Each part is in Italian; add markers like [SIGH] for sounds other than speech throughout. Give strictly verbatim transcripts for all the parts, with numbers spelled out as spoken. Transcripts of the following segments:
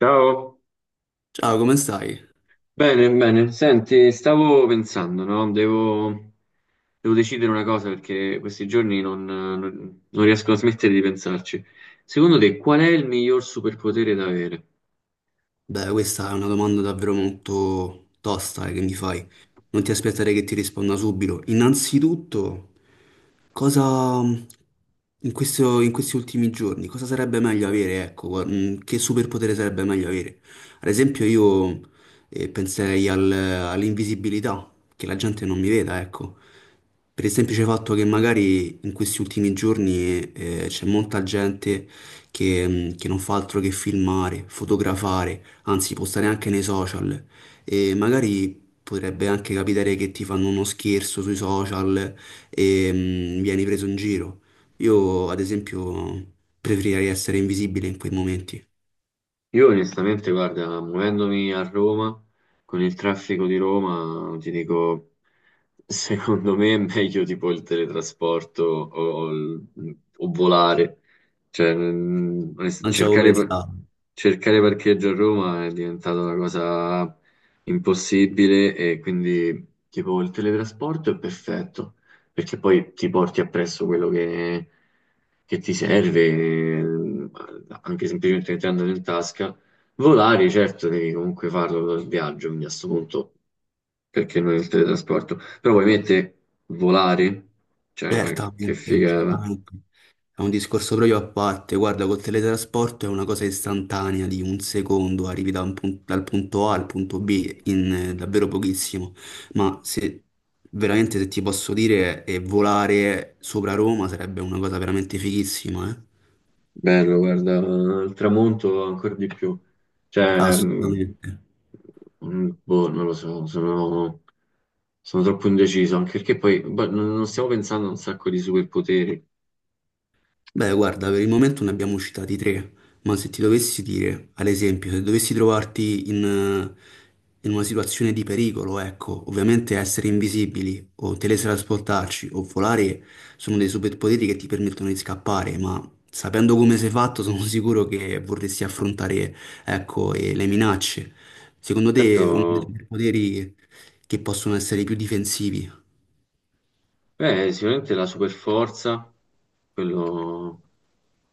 Ciao, Ciao, come stai? bene, bene. Senti, stavo pensando, no? Devo, devo decidere una cosa perché questi giorni non, non- non riesco a smettere di pensarci. Secondo te, qual è il miglior superpotere da avere? Beh, questa è una domanda davvero molto tosta, eh, che mi fai. Non ti aspettare che ti risponda subito. Innanzitutto, cosa in questo- in questi ultimi giorni, cosa sarebbe meglio avere? Ecco, gua- mm, che superpotere sarebbe meglio avere? Ad esempio, io eh, penserei al- all'invisibilità, che la gente non mi veda, ecco. Per il semplice fatto che magari in questi ultimi giorni eh, c'è molta gente che, mm, che non fa altro che filmare, fotografare, anzi può stare anche nei social e magari potrebbe anche capitare che ti fanno uno scherzo sui social e mm, vieni preso in giro. Io, ad esempio, preferirei essere invisibile in quei momenti. Io onestamente, guarda, muovendomi a Roma, con il traffico di Roma, ti dico, secondo me è meglio tipo il teletrasporto o, o il- o volare. Cioè, mm, onest- Non ci avevo cercare, par- pensato. cercare parcheggio a Roma è diventata una cosa impossibile e quindi tipo il teletrasporto è perfetto perché poi ti porti appresso quello che, che ti serve, eh, anche semplicemente mettendolo in tasca. Volare, certo, devi comunque farlo dal viaggio, quindi a questo punto, perché non il teletrasporto? Però ovviamente volare, cioè, ma che Certamente, figa, certamente. È un discorso proprio a parte, guarda, col teletrasporto è una cosa istantanea di un secondo, arrivi da un pun- dal punto A al punto B in eh, davvero pochissimo, ma se veramente, se ti posso dire, e volare sopra Roma sarebbe una cosa veramente fighissima, eh? bello, guarda, il tramonto ancora di più. Cioè, mm, Assolutamente. mm, boh, non lo so, sono. Sono troppo indeciso, anche perché poi boh, non non stiamo pensando a un sacco di superpoteri. Beh, guarda, per il momento ne abbiamo citati tre, ma se ti dovessi dire, ad esempio, se dovessi trovarti in, eh, in una situazione di pericolo, ecco, ovviamente essere invisibili o teletrasportarci o volare sono dei superpoteri che ti permettono di scappare, ma sapendo come sei fatto [LAUGHS] sono sicuro che vorresti affrontare, ecco, eh, le minacce. Secondo te, uno dei Certo, superpoteri che possono essere i più difensivi? beh, sicuramente la super forza, quello,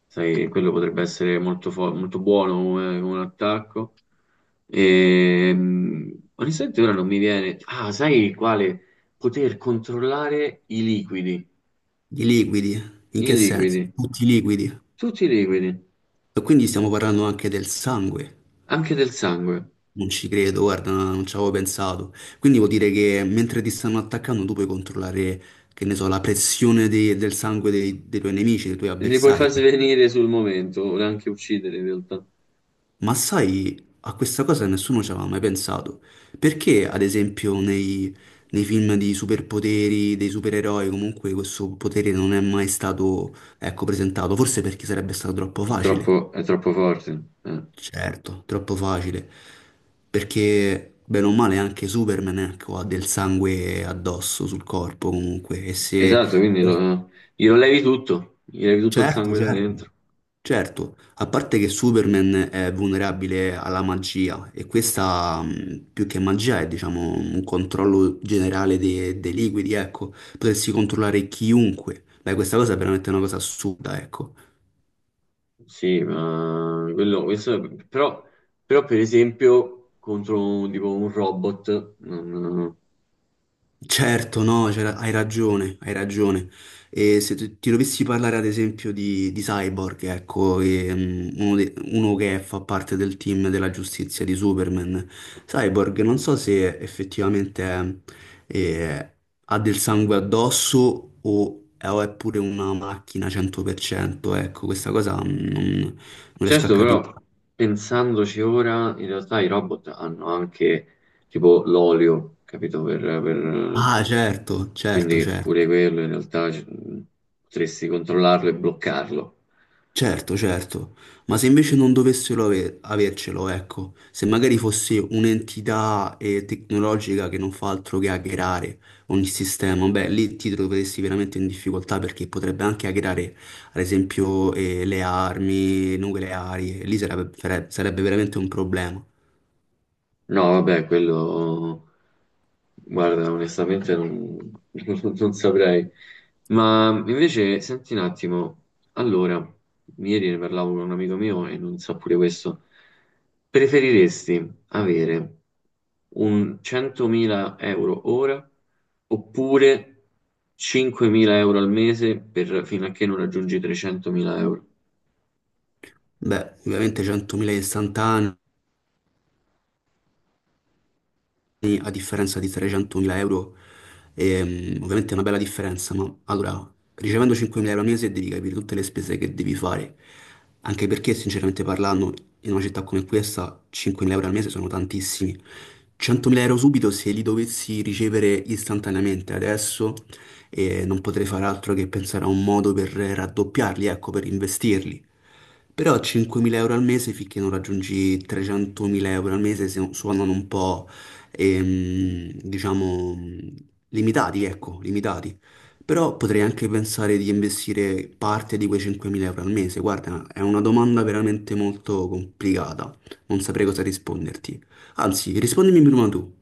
sai, quello potrebbe essere molto, fo- molto buono come, come un attacco. Ehm, onestamente ora non mi viene. Ah, sai quale? Poter controllare i liquidi, I liquidi? In i che liquidi, senso? Tutti liquidi? tutti i liquidi, E quindi stiamo parlando anche del sangue. anche del sangue. Non ci credo, guarda, no, non ci avevo pensato. Quindi vuol dire che mentre ti stanno attaccando, tu puoi controllare, che ne so, la pressione de- del sangue dei, dei tuoi nemici, dei tuoi Li puoi far avversari. svenire sul momento, o anche uccidere in realtà. Ma sai, a questa cosa nessuno ci aveva mai pensato. Perché, ad esempio, nei, nei film di superpoteri, dei supereroi, comunque questo potere non è mai stato, ecco, presentato? Forse perché sarebbe stato troppo È facile. troppo, è troppo forte. Eh. Certo, troppo facile. Perché, bene o male, anche Superman, ecco, ha del sangue addosso sul corpo comunque. E se... Esatto, quindi lo, glielo levi tutto, gli levi tutto il Certo, sangue da certo, dentro. certo. A parte che Superman è vulnerabile alla magia e questa, mh, più che magia, è diciamo un controllo generale de- dei liquidi, ecco. Potresti controllare chiunque. Beh, questa cosa è veramente una cosa assurda, ecco. Sì, ma quello, questo è- però, però per esempio contro un- tipo un robot, non- Certo, no, c'era- hai ragione, hai ragione. E se tu- ti dovessi parlare, ad esempio, di, di Cyborg, ecco, che, mm, uno, de- uno che fa parte del team della giustizia di Superman. Cyborg non so se effettivamente eh, ha del sangue addosso o è, o è pure una macchina cento per cento, ecco, questa cosa mm, non, non riesco a certo. capire. Però pensandoci ora, in realtà i robot hanno anche tipo l'olio, capito? Per, per- Ah, certo, certo, quindi pure certo. quello in realtà c- potresti controllarlo e bloccarlo. Certo, certo, ma se invece non dovessero ave- avercelo, ecco, se magari fosse un'entità eh, tecnologica che non fa altro che hackerare ogni sistema, beh, lì ti troveresti veramente in difficoltà perché potrebbe anche hackerare, ad esempio, eh, le armi nucleari, e lì sarebbe, sare- sarebbe veramente un problema. No, vabbè, quello. Guarda, onestamente non, [LAUGHS] non saprei. Ma invece, senti un attimo, allora, ieri ne parlavo con un amico mio e non so pure questo. Preferiresti avere un centomila euro ora oppure cinquemila euro al mese per, fino a che non raggiungi trecentomila euro? Beh, ovviamente centomila istantanee. Sì, a differenza di trecentomila euro, ehm, ovviamente è una bella differenza, ma allora, ricevendo cinquemila euro al mese devi capire tutte le spese che devi fare, anche perché sinceramente parlando, in una città come questa cinquemila euro al mese sono tantissimi. centomila euro subito, se li dovessi ricevere istantaneamente adesso, eh, non potrei fare altro che pensare a un modo per raddoppiarli, ecco, per investirli. Però cinquemila euro al mese finché non raggiungi trecentomila euro al mese se- suonano un po', ehm, diciamo, limitati, ecco, limitati. Però potrei anche pensare di investire parte di quei cinquemila euro al mese. Guarda, è una domanda veramente molto complicata. Non saprei cosa risponderti. Anzi, rispondimi prima tu.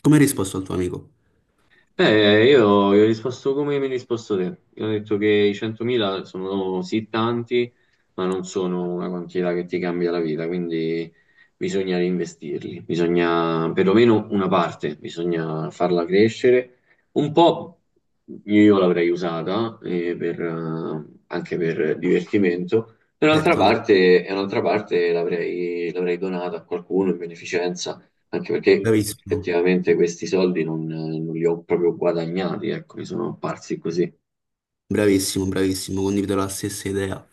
Come hai risposto al tuo amico? Eh, io, io ho risposto come mi hai risposto te. Io ho detto che i centomila sono sì tanti, ma non sono una quantità che ti cambia la vita, quindi bisogna reinvestirli, bisogna perlomeno una parte, bisogna farla crescere. Un po' io l'avrei usata eh, per, eh, anche per divertimento, e un'altra Certamente, parte, e un'altra parte l'avrei l'avrei donata a qualcuno in beneficenza anche perché bravissimo. effettivamente questi soldi non, non li ho proprio guadagnati, ecco, mi sono apparsi così. Bravissimo, bravissimo, condivido la stessa idea.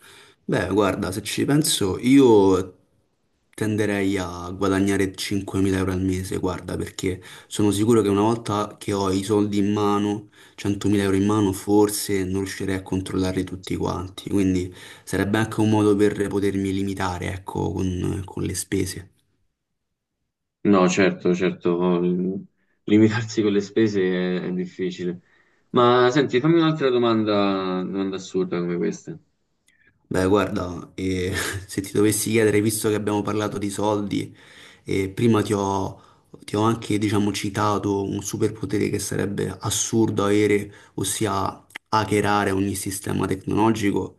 Beh, guarda, se ci penso, io tenderei a guadagnare cinquemila euro al mese, guarda, perché sono sicuro che una volta che ho i soldi in mano, centomila euro in mano, forse non riuscirei a controllarli tutti quanti. Quindi sarebbe anche un modo per potermi limitare, ecco, con, con le spese. No, certo, certo, l- limitarsi con le spese è, è difficile. Ma senti, fammi un'altra domanda, domanda assurda come questa. Beh, guarda, eh, [LAUGHS] se ti dovessi chiedere, visto che abbiamo parlato di soldi, eh, prima ti ho, ti ho anche, diciamo, citato un superpotere che sarebbe assurdo avere, ossia hackerare ogni sistema tecnologico.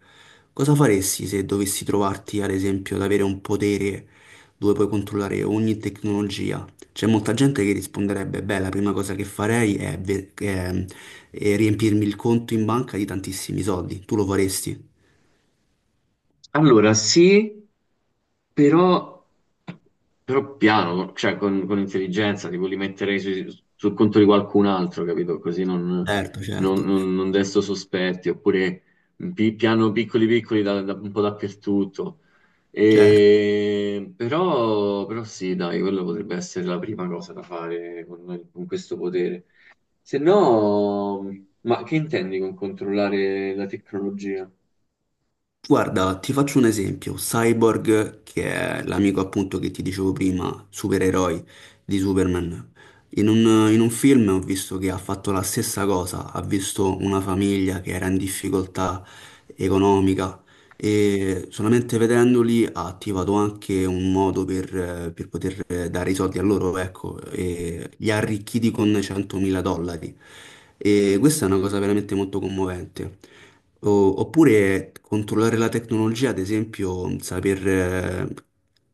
Cosa faresti se dovessi trovarti, ad esempio, ad avere un potere dove puoi controllare ogni tecnologia? C'è molta gente che risponderebbe, beh, la prima cosa che farei è ve- è- è riempirmi il conto in banca di tantissimi soldi. Tu lo faresti? Allora, sì, però, però piano, cioè con, con intelligenza, tipo li metterei sui- sul conto di qualcun altro, capito? Così non, Certo, non, certo, non- non desto sospetti, oppure pi- piano piccoli piccoli da- da- un po' dappertutto. certo. E, però, però sì, dai, quello potrebbe essere la prima cosa da fare con, con questo potere. Se no, ma che intendi con controllare la tecnologia? Guarda, ti faccio un esempio. Cyborg, che è l'amico appunto che ti dicevo prima, supereroi di Superman. In un, in un film ho visto che ha fatto la stessa cosa, ha visto una famiglia che era in difficoltà economica, e solamente vedendoli ha attivato anche un modo per, eh, per poter eh, dare i soldi a loro, ecco, e li ha arricchiti con centomila dollari. E questa è una cosa veramente molto commovente. O- oppure controllare la tecnologia, ad esempio, saper, eh,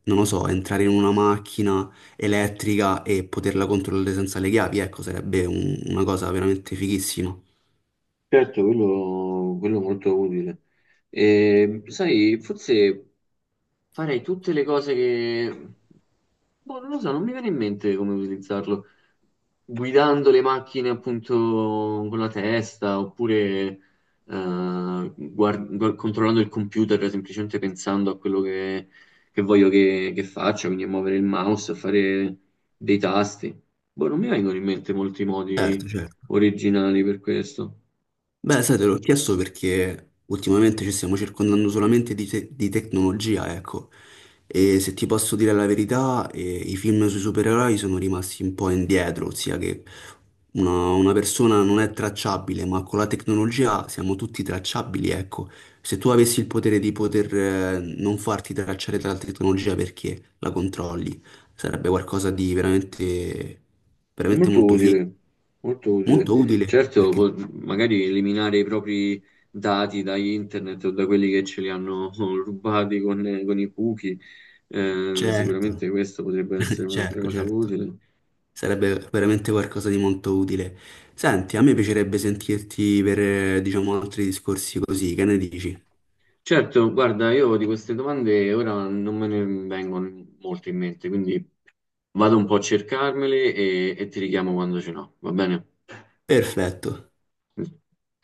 non lo so, entrare in una macchina elettrica e poterla controllare senza le chiavi, ecco, sarebbe un- una cosa veramente fighissima. Certo, quello, quello è molto utile. E, sai, forse farei tutte le cose che. Boh, non lo so, non mi viene in mente come utilizzarlo. Guidando le macchine appunto con la testa, oppure eh, guard- gu- controllando il computer, semplicemente pensando a quello che, che voglio che, che faccia, quindi a muovere il mouse, a fare dei tasti. Boh, non mi vengono in mente molti Certo, modi certo. originali per questo. Beh, sai, te l'ho chiesto perché ultimamente ci stiamo circondando solamente di, te- di tecnologia, ecco. E se ti posso dire la verità, eh, i film sui supereroi sono rimasti un po' indietro, ossia che una, una persona non è tracciabile, ma con la tecnologia siamo tutti tracciabili, ecco. Se tu avessi il potere di poter, eh, non farti tracciare dalla tecnologia perché la controlli, sarebbe qualcosa di veramente, veramente Molto molto figo, utile, molto utile. molto utile. Certo, Perché po- magari eliminare i propri dati da internet o da quelli che ce li hanno [LAUGHS] rubati con, con i cookie, eh, Certo, sicuramente questa potrebbe [LAUGHS] essere un'altra certo, cosa certo. utile. Sarebbe veramente qualcosa di molto utile. Senti, a me piacerebbe sentirti per, eh, diciamo, altri discorsi così, che ne dici? Certo, guarda, io di queste domande ora non me ne vengono molto in mente, quindi vado un po' a cercarmele e, e ti richiamo quando ce n'ho, va bene? Perfetto.